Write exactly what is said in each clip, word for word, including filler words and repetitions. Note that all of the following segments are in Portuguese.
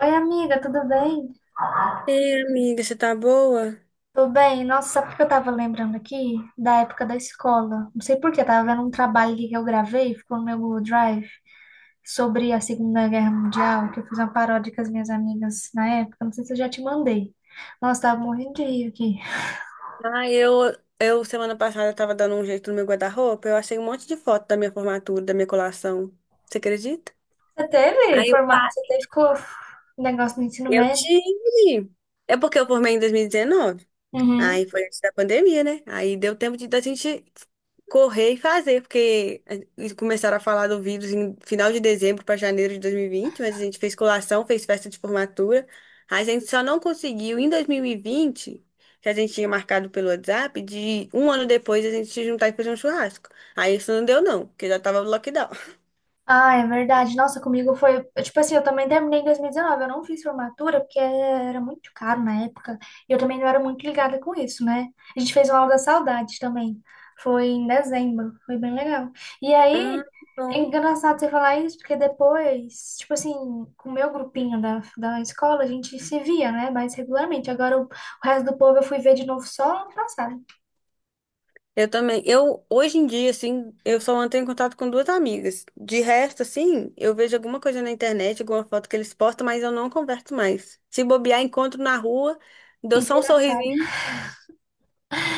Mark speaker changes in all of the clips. Speaker 1: Oi, amiga, tudo bem?
Speaker 2: Ei, amiga, você tá boa?
Speaker 1: Tudo bem? Nossa, sabe o que eu tava lembrando aqui? Da época da escola. Não sei por que tava vendo um trabalho ali que eu gravei, ficou no meu Google Drive, sobre a Segunda Guerra Mundial, que eu fiz uma paródia com as minhas amigas na época. Não sei se eu já te mandei. Nossa, tava morrendo de rir aqui.
Speaker 2: Ah, eu, eu semana passada tava dando um jeito no meu guarda-roupa, eu achei um monte de foto da minha formatura, da minha colação. Você acredita?
Speaker 1: Você teve
Speaker 2: Aí eu,
Speaker 1: forma...
Speaker 2: pa-
Speaker 1: Você teve co- negócio no ensino
Speaker 2: eu
Speaker 1: médio?
Speaker 2: tive. É porque eu formei em dois mil e dezenove.
Speaker 1: Uhum.
Speaker 2: Aí foi antes da pandemia, né? Aí deu tempo de da gente correr e fazer, porque eles começaram a falar do vírus em final de dezembro para janeiro de dois mil e vinte. Mas a gente fez colação, fez festa de formatura. Aí a gente só não conseguiu em dois mil e vinte, que a gente tinha marcado pelo WhatsApp, de um ano depois a gente se juntar e fazer um churrasco. Aí isso não deu não, porque já tava no lockdown.
Speaker 1: Ah, é verdade. Nossa, comigo foi. Tipo assim, eu também terminei em dois mil e dezenove. Eu não fiz formatura porque era muito caro na época. E eu também não era muito ligada com isso, né? A gente fez uma aula da saudade também. Foi em dezembro. Foi bem legal. E
Speaker 2: Ah,
Speaker 1: aí, é
Speaker 2: bom.
Speaker 1: engraçado você falar isso, porque depois, tipo assim, com o meu grupinho da, da escola, a gente se via, né? Mais regularmente. Agora, o, o resto do povo eu fui ver de novo só ano passado.
Speaker 2: Eu também. Eu, hoje em dia, assim, eu só mantenho contato com duas amigas. De resto, assim, eu vejo alguma coisa na internet, alguma foto que eles postam, mas eu não converso mais. Se bobear, encontro na rua, dou
Speaker 1: E
Speaker 2: só um
Speaker 1: vira cara.
Speaker 2: sorrisinho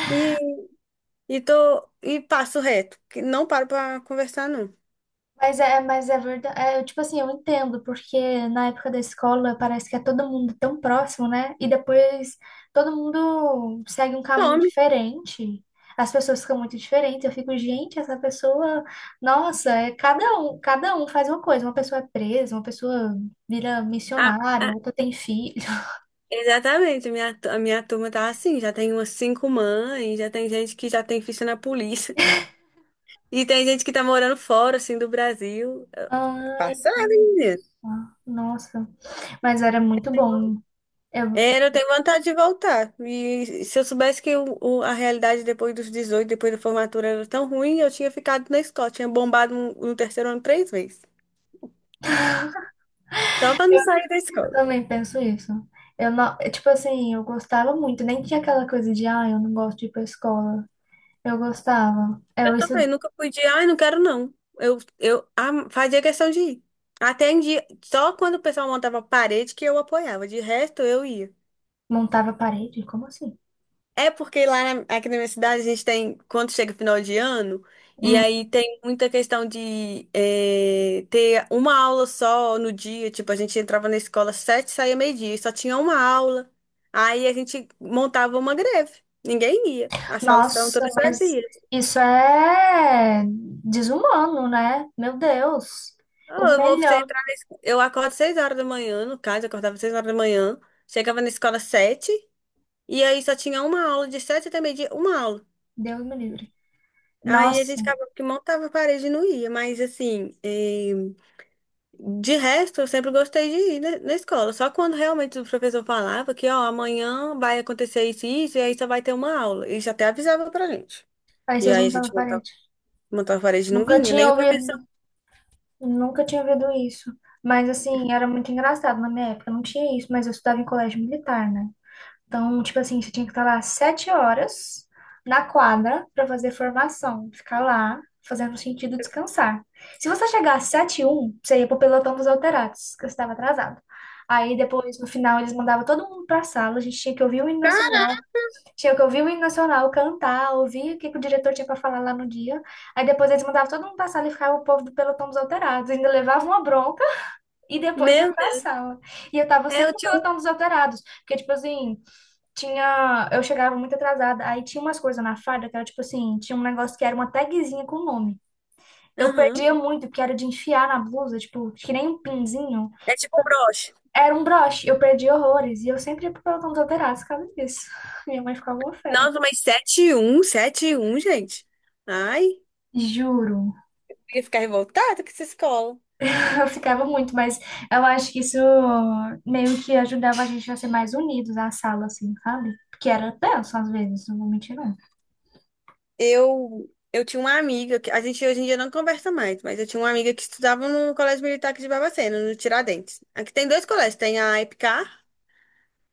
Speaker 2: e, e tô, e passo reto, que não paro pra conversar, não.
Speaker 1: Mas é, mas é verdade. É, tipo assim, eu entendo, porque na época da escola parece que é todo mundo tão próximo, né? E depois todo mundo segue um caminho
Speaker 2: Some.
Speaker 1: diferente. As pessoas ficam muito diferentes. Eu fico, gente, essa pessoa, nossa, é cada um, cada um faz uma coisa. Uma pessoa é presa, uma pessoa vira
Speaker 2: Ah,
Speaker 1: missionário,
Speaker 2: ah,
Speaker 1: outra tem filho.
Speaker 2: exatamente. A minha, tu- a minha turma tá assim, já tem umas cinco mães, já tem gente que já tem ficha na polícia. E tem gente que tá morando fora, assim, do Brasil.
Speaker 1: Ai,
Speaker 2: Passada,
Speaker 1: que...
Speaker 2: hein.
Speaker 1: nossa. Mas era muito bom. Eu,
Speaker 2: Era, eu tenho vontade de voltar. E se eu soubesse que o- o- a realidade depois dos dezoito, depois da formatura era tão ruim, eu tinha ficado na escola. Tinha bombado no, no terceiro ano três vezes. Só pra não sair da
Speaker 1: Eu
Speaker 2: escola.
Speaker 1: também penso isso. Eu não, é, tipo assim, eu gostava muito, nem tinha aquela coisa de, ah, eu não gosto de ir pra escola. Eu gostava. Eu
Speaker 2: Eu
Speaker 1: isso
Speaker 2: também, nunca fui de, ai, não quero não. Eu, eu am- fazia questão de ir. Até em dia, só quando o pessoal montava parede que eu apoiava. De resto, eu ia.
Speaker 1: montava parede, como assim?
Speaker 2: É porque lá na- aqui na minha cidade a gente tem, quando chega final de ano, e
Speaker 1: Hum.
Speaker 2: aí tem muita questão de eh, ter uma aula só no dia. Tipo, a gente entrava na escola às sete, saía meio-dia, e só tinha uma aula. Aí a gente montava uma greve. Ninguém ia. As salas ficavam
Speaker 1: Nossa,
Speaker 2: todas
Speaker 1: mas
Speaker 2: vazias.
Speaker 1: isso é desumano, né? Meu Deus. O
Speaker 2: Ah, eu vou você
Speaker 1: melhor,
Speaker 2: entrar na escola. Eu acordo seis horas da manhã, no caso, eu acordava seis horas da manhã, chegava na escola às sete, e aí só tinha uma aula de sete até meio-dia, uma aula.
Speaker 1: Deus me livre.
Speaker 2: Aí a
Speaker 1: Nossa,
Speaker 2: gente acabou que montava a parede e não ia, mas assim, eh, de resto eu sempre gostei de ir na, na escola. Só quando realmente o professor falava que, ó, amanhã vai acontecer isso e isso, e aí só vai ter uma aula. Ele já até avisava pra gente.
Speaker 1: aí
Speaker 2: E
Speaker 1: vocês
Speaker 2: aí a gente
Speaker 1: montavam
Speaker 2: montava,
Speaker 1: parede.
Speaker 2: montava a parede e não
Speaker 1: Nunca
Speaker 2: vinha,
Speaker 1: tinha
Speaker 2: nem o professor.
Speaker 1: ouvido, nunca tinha ouvido isso. Mas assim, era muito engraçado na minha época, não tinha isso, mas eu estudava em colégio militar, né? Então, tipo assim, você tinha que estar lá sete horas na quadra para fazer formação, ficar lá fazendo sentido descansar. Se você chegar às sete e um, você ia pro pelotão dos alterados, que você estava atrasado. Aí depois, no final, eles mandavam todo mundo para sala, a gente tinha que ouvir o hino
Speaker 2: Ah,
Speaker 1: nacional, tinha que ouvir o hino nacional, cantar, ouvir o que que o diretor tinha para falar lá no dia. Aí depois eles mandavam todo mundo para sala e ficava o povo do pelotão dos alterados, ainda levavam uma bronca e depois ia
Speaker 2: meu
Speaker 1: para
Speaker 2: Deus.
Speaker 1: sala. E eu tava
Speaker 2: É,
Speaker 1: sempre
Speaker 2: eu
Speaker 1: no
Speaker 2: tinha um.
Speaker 1: pelotão dos alterados, porque tipo assim, tinha, eu chegava muito atrasada, aí tinha umas coisas na farda que era tipo assim, tinha um negócio que era uma tagzinha com o nome. Eu
Speaker 2: Aham.
Speaker 1: perdia muito, porque era de enfiar na blusa, tipo, que nem um pinzinho.
Speaker 2: É tipo um broche.
Speaker 1: Era um broche, eu perdi horrores, e eu sempre ia pro pelotão dos alterados por causa disso. Minha mãe ficava uma fera.
Speaker 2: Nossa, mas sete e um, sete e um, gente. Ai, eu
Speaker 1: Juro,
Speaker 2: ia ficar revoltada com essa escola.
Speaker 1: eu ficava muito, mas eu acho que isso meio que ajudava a gente a ser mais unidos na sala, assim, sabe? Porque era tenso às vezes, não vou mentir, não.
Speaker 2: Eu, eu tinha uma amiga, que a gente hoje em dia não conversa mais, mas eu tinha uma amiga que estudava no Colégio Militar aqui de Barbacena, no Tiradentes. Aqui tem dois colégios, tem a EPCAR,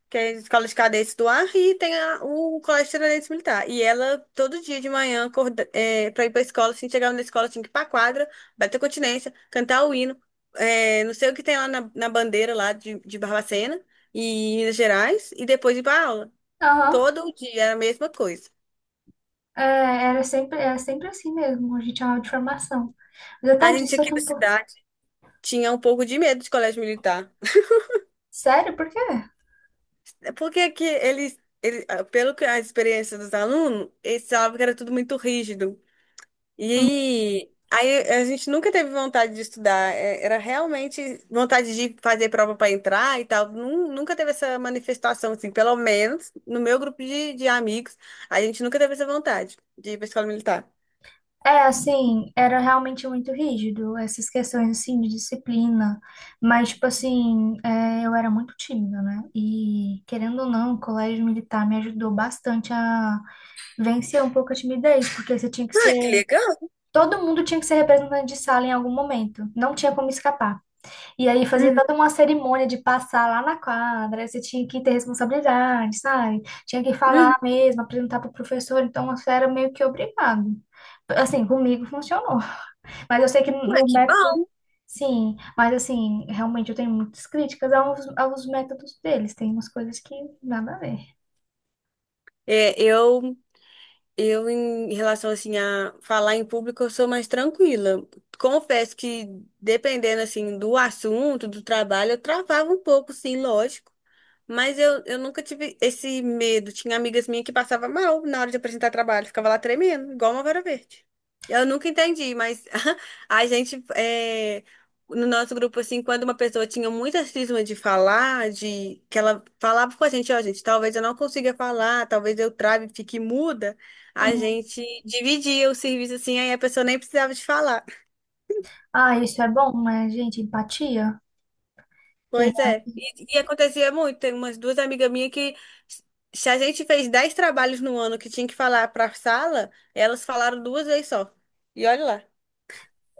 Speaker 2: que é a Escola de Cadetes do Ar, e tem a- o Colégio Tiradentes Militar. E ela, todo dia de manhã, acorda, é, para ir pra escola, assim, chegava na escola, tinha que ir pra quadra, bater continência, cantar o hino, é, não sei o que tem lá na, na bandeira lá de, de Barbacena e Minas Gerais, e depois ir pra aula.
Speaker 1: Aham.
Speaker 2: Todo dia era a mesma coisa.
Speaker 1: É, era sempre, era sempre assim mesmo, a gente chamava de formação.
Speaker 2: A
Speaker 1: Apesar
Speaker 2: gente
Speaker 1: disso, eu
Speaker 2: aqui
Speaker 1: tô
Speaker 2: na
Speaker 1: um pouco.
Speaker 2: cidade tinha um pouco de medo de colégio militar.
Speaker 1: Sério? Por quê?
Speaker 2: É. Porque que eles, eles, ah, pelo que a experiência dos alunos, eles falavam que era tudo muito rígido.
Speaker 1: Hum.
Speaker 2: E aí a gente nunca teve vontade de estudar. É, era realmente vontade de fazer prova para entrar e tal. Nun- Nunca teve essa manifestação, assim, pelo menos no meu grupo de, de amigos, a gente nunca teve essa vontade de ir para escola militar.
Speaker 1: É, assim, era realmente muito rígido, essas questões, assim, de disciplina. Mas, tipo assim, é, eu era muito tímida, né? E, querendo ou não, o colégio militar me ajudou bastante a vencer um pouco a timidez, porque você tinha que
Speaker 2: Ah,
Speaker 1: ser...
Speaker 2: que legal.
Speaker 1: Todo mundo tinha que ser representante de sala em algum momento. Não tinha como escapar. E aí fazia
Speaker 2: Uhum,
Speaker 1: toda uma cerimônia de passar lá na quadra, aí você tinha que ter responsabilidade, sabe? Tinha que
Speaker 2: uhum.
Speaker 1: falar mesmo, apresentar para o professor, então você era meio que obrigado. Assim, comigo funcionou. Mas eu sei que
Speaker 2: Ué,
Speaker 1: no
Speaker 2: que
Speaker 1: método,
Speaker 2: bom.
Speaker 1: sim, mas assim, realmente eu tenho muitas críticas aos, aos métodos deles, tem umas coisas que nada a ver.
Speaker 2: É, eu Eu, em relação assim a falar em público, eu sou mais tranquila. Confesso que dependendo assim do assunto, do trabalho, eu travava um pouco, sim, lógico. Mas eu, eu nunca tive esse medo. Tinha amigas minhas que passavam mal na hora de apresentar trabalho, ficava lá tremendo, igual uma vara verde. Eu nunca entendi, mas a gente, é, no nosso grupo, assim, quando uma pessoa tinha muita cisma de falar, de que ela falava com a gente, ó, gente, talvez eu não consiga falar, talvez eu trave, fique muda, a
Speaker 1: Uhum.
Speaker 2: gente dividia o serviço assim, aí a pessoa nem precisava de falar.
Speaker 1: Ah, isso é bom, né, gente? Empatia. Que
Speaker 2: Pois é. E, e acontecia muito. Tem umas duas amigas minhas que, se a gente fez dez trabalhos no ano que tinha que falar para sala, elas falaram duas vezes só. E olha lá.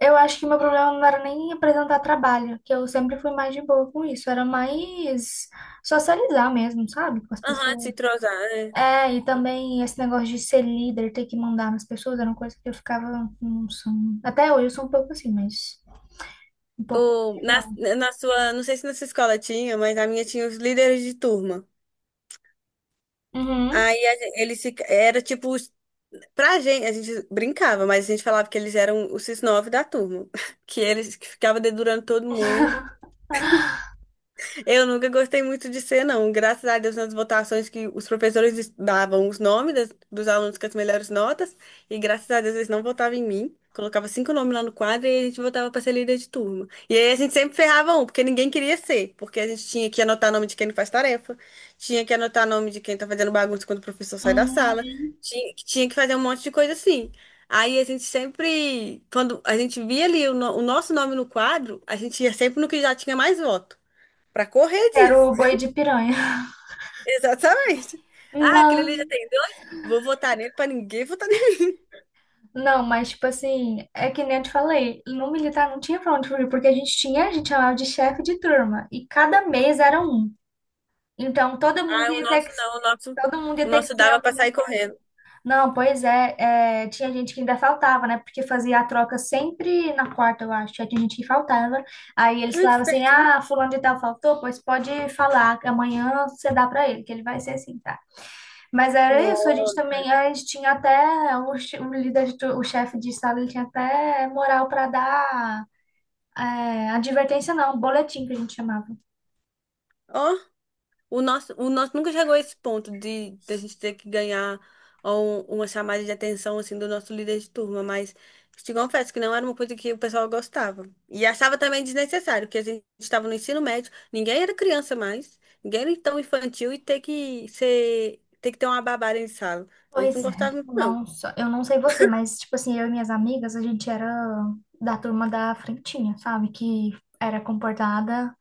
Speaker 1: eu acho que meu problema não era nem apresentar trabalho, que eu sempre fui mais de boa com isso, era mais socializar mesmo, sabe, com as
Speaker 2: Aham, se
Speaker 1: pessoas.
Speaker 2: entrosar, é.
Speaker 1: É, e também esse negócio de ser líder, ter que mandar nas pessoas, era uma coisa que eu ficava, não sou, até hoje eu sou um pouco assim, mas um pouco
Speaker 2: O,
Speaker 1: melhor.
Speaker 2: na, na sua, não sei se na sua escola tinha, mas na minha tinha os líderes de turma.
Speaker 1: Uhum,
Speaker 2: Aí a gen- eles se, era tipo, os- pra gente, a gente brincava, mas a gente falava que eles eram os nove da turma, que eles que ficavam dedurando todo mundo. Eu nunca gostei muito de ser, não. Graças a Deus, nas votações que os professores davam os nomes das- dos alunos com as melhores notas, e graças a Deus eles não votavam em mim. Colocava cinco nomes lá no quadro e a gente votava para ser líder de turma. E aí a gente sempre ferrava um, porque ninguém queria ser, porque a gente tinha que anotar nome de quem não faz tarefa, tinha que anotar nome de quem tá fazendo bagunça quando o professor sai da sala,
Speaker 1: uhum.
Speaker 2: tinha, tinha que fazer um monte de coisa assim. Aí a gente sempre, quando a gente via ali o, no- o nosso nome no quadro, a gente ia sempre no que já tinha mais voto. Pra correr
Speaker 1: Quero
Speaker 2: disso.
Speaker 1: o boi de piranha.
Speaker 2: Exatamente. Ah, aquele ali já
Speaker 1: Não,
Speaker 2: tem dois? Vou votar nele pra ninguém votar nele.
Speaker 1: não, mas tipo assim, é que nem eu te falei, no militar não tinha pra onde fugir, porque a gente tinha, a gente chamava de chefe de turma, e cada mês era um. Então, todo
Speaker 2: Ah,
Speaker 1: mundo
Speaker 2: o
Speaker 1: ia ter
Speaker 2: nosso
Speaker 1: que,
Speaker 2: não, o nosso,
Speaker 1: todo mundo ia
Speaker 2: o
Speaker 1: ter que
Speaker 2: nosso
Speaker 1: ser
Speaker 2: dava pra
Speaker 1: algum.
Speaker 2: sair correndo.
Speaker 1: Não, pois é, é, tinha gente que ainda faltava, né? Porque fazia a troca sempre na quarta, eu acho. Aí tinha gente que faltava. Aí
Speaker 2: Ah,
Speaker 1: eles
Speaker 2: que
Speaker 1: falavam assim:
Speaker 2: espertinho.
Speaker 1: ah, fulano de tal faltou, pois pode falar, que amanhã você dá pra ele, que ele vai ser assim, tá? Mas era isso, a gente
Speaker 2: Nossa.
Speaker 1: também, a gente tinha até o, che- o líder, de tu- o chefe de sala, ele tinha até moral pra dar é, advertência, não, boletim que a gente chamava.
Speaker 2: Ó, O nosso, o nosso nunca chegou a esse ponto de, de a gente ter que ganhar um- uma chamada de atenção assim do nosso líder de turma, mas te confesso que não era uma coisa que o pessoal gostava. E achava também desnecessário, porque a gente estava no ensino médio, ninguém era criança mais, ninguém era tão infantil e ter que ser, ter que ter uma babada em sala. A gente não
Speaker 1: Pois é,
Speaker 2: gostava muito, não.
Speaker 1: nossa, eu não sei você, mas tipo assim, eu e minhas amigas, a gente era da turma da frentinha, sabe? Que era comportada,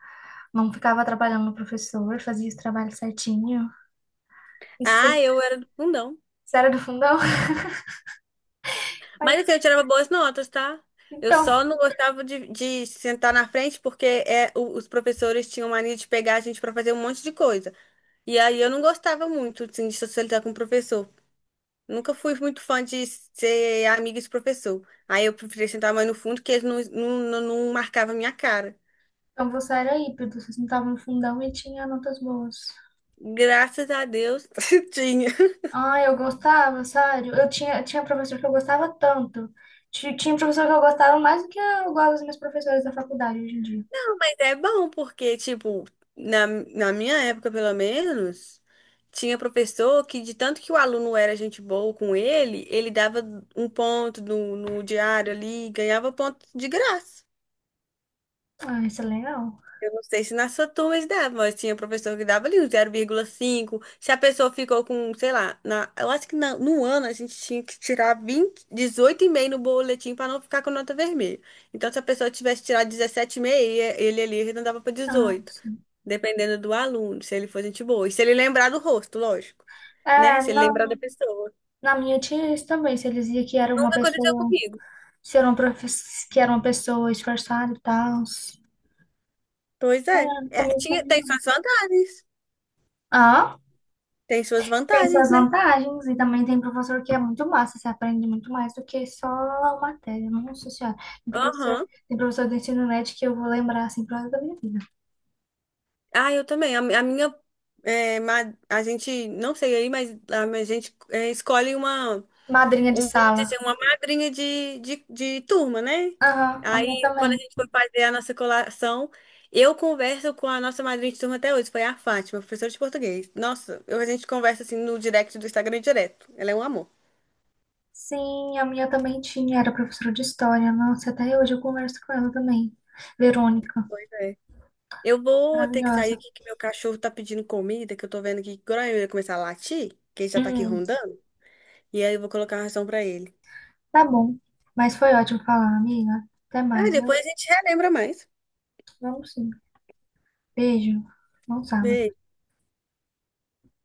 Speaker 1: não ficava atrapalhando o professor, fazia os trabalhos certinho. Isso,
Speaker 2: Ah,
Speaker 1: aí,
Speaker 2: eu era do fundão.
Speaker 1: isso era do fundão? Ai,
Speaker 2: Mas assim, eu tirava boas notas, tá? Eu
Speaker 1: Então,
Speaker 2: só não gostava de, de sentar na frente porque é, o- os professores tinham mania de pegar a gente pra fazer um monte de coisa. E aí eu não gostava muito, assim, de socializar com o professor. Nunca fui muito fã de ser amiga de professor. Aí eu preferia sentar mais no fundo que eles não, não, não, não marcavam a minha cara.
Speaker 1: então você era híbrido, você não tava no fundão e tinha notas boas.
Speaker 2: Graças a Deus, tinha.
Speaker 1: Ah, eu gostava, sério. Eu tinha, tinha professor que eu gostava tanto. Ti- Tinha professor que eu gostava mais do que eu gosto dos meus professores da faculdade hoje em dia.
Speaker 2: Não, mas é bom porque, tipo, na, na minha época, pelo menos, tinha professor que, de tanto que o aluno era gente boa com ele, ele dava um ponto no, no diário ali, ganhava ponto de graça.
Speaker 1: Ah, isso é legal.
Speaker 2: Eu não sei se nas sua turma dava, mas tinha professor que dava ali um zero vírgula cinco. Se a pessoa ficou com, sei lá, na, eu acho que na- no ano a gente tinha que tirar vinte, dezoito e meio no boletim para não ficar com nota vermelha. Então, se a pessoa tivesse tirado dezessete e meio, ele ali arredondava para
Speaker 1: Ah,
Speaker 2: dezoito,
Speaker 1: sim.
Speaker 2: dependendo do aluno, se ele for gente boa. E se ele lembrar do rosto, lógico, né?
Speaker 1: É,
Speaker 2: Se ele lembrar
Speaker 1: não.
Speaker 2: da pessoa.
Speaker 1: Na minha tinha isso também. Se eles diziam que era uma
Speaker 2: Nunca aconteceu
Speaker 1: pessoa,
Speaker 2: comigo.
Speaker 1: se era uma, profe- que era uma pessoa esforçada e tal.
Speaker 2: Pois é.
Speaker 1: Ah,
Speaker 2: É,
Speaker 1: comigo
Speaker 2: tinha,
Speaker 1: também
Speaker 2: tem
Speaker 1: não.
Speaker 2: suas vantagens.
Speaker 1: Ah,
Speaker 2: Tem suas
Speaker 1: tem suas
Speaker 2: vantagens, né?
Speaker 1: vantagens. E também tem professor que é muito massa. Você aprende muito mais do que só a matéria. Nossa senhora. Tem professor,
Speaker 2: Aham.
Speaker 1: tem professor do ensino médio que eu vou lembrar assim pro resto da minha vida.
Speaker 2: Ah, eu também. A, a minha. é, ma- a gente, não sei aí, mas a, a gente é, escolhe uma.
Speaker 1: Madrinha de
Speaker 2: Um, vamos
Speaker 1: sala.
Speaker 2: dizer, uma madrinha de, de, de turma, né?
Speaker 1: Aham, a
Speaker 2: Aí,
Speaker 1: minha
Speaker 2: quando a
Speaker 1: também.
Speaker 2: gente foi fazer a nossa colação, eu converso com a nossa madrinha de turma até hoje, foi a Fátima, professora de português. Nossa, eu, a gente conversa assim no direct do Instagram direto. Ela é um amor.
Speaker 1: Sim, a minha também tinha. Era professora de história. Nossa, até hoje eu converso com ela também. Verônica.
Speaker 2: É. Eu vou ter que sair
Speaker 1: Maravilhosa.
Speaker 2: aqui que meu cachorro tá pedindo comida, que eu tô vendo aqui que agora ele vai começar a latir, que ele já tá aqui
Speaker 1: Hum.
Speaker 2: rondando, e aí eu vou colocar a ração pra ele.
Speaker 1: Tá bom. Mas foi ótimo falar, amiga. Até
Speaker 2: Ah,
Speaker 1: mais,
Speaker 2: depois
Speaker 1: viu?
Speaker 2: a gente relembra mais.
Speaker 1: Vamos sim. Beijo. Bom sábado.
Speaker 2: Beijo.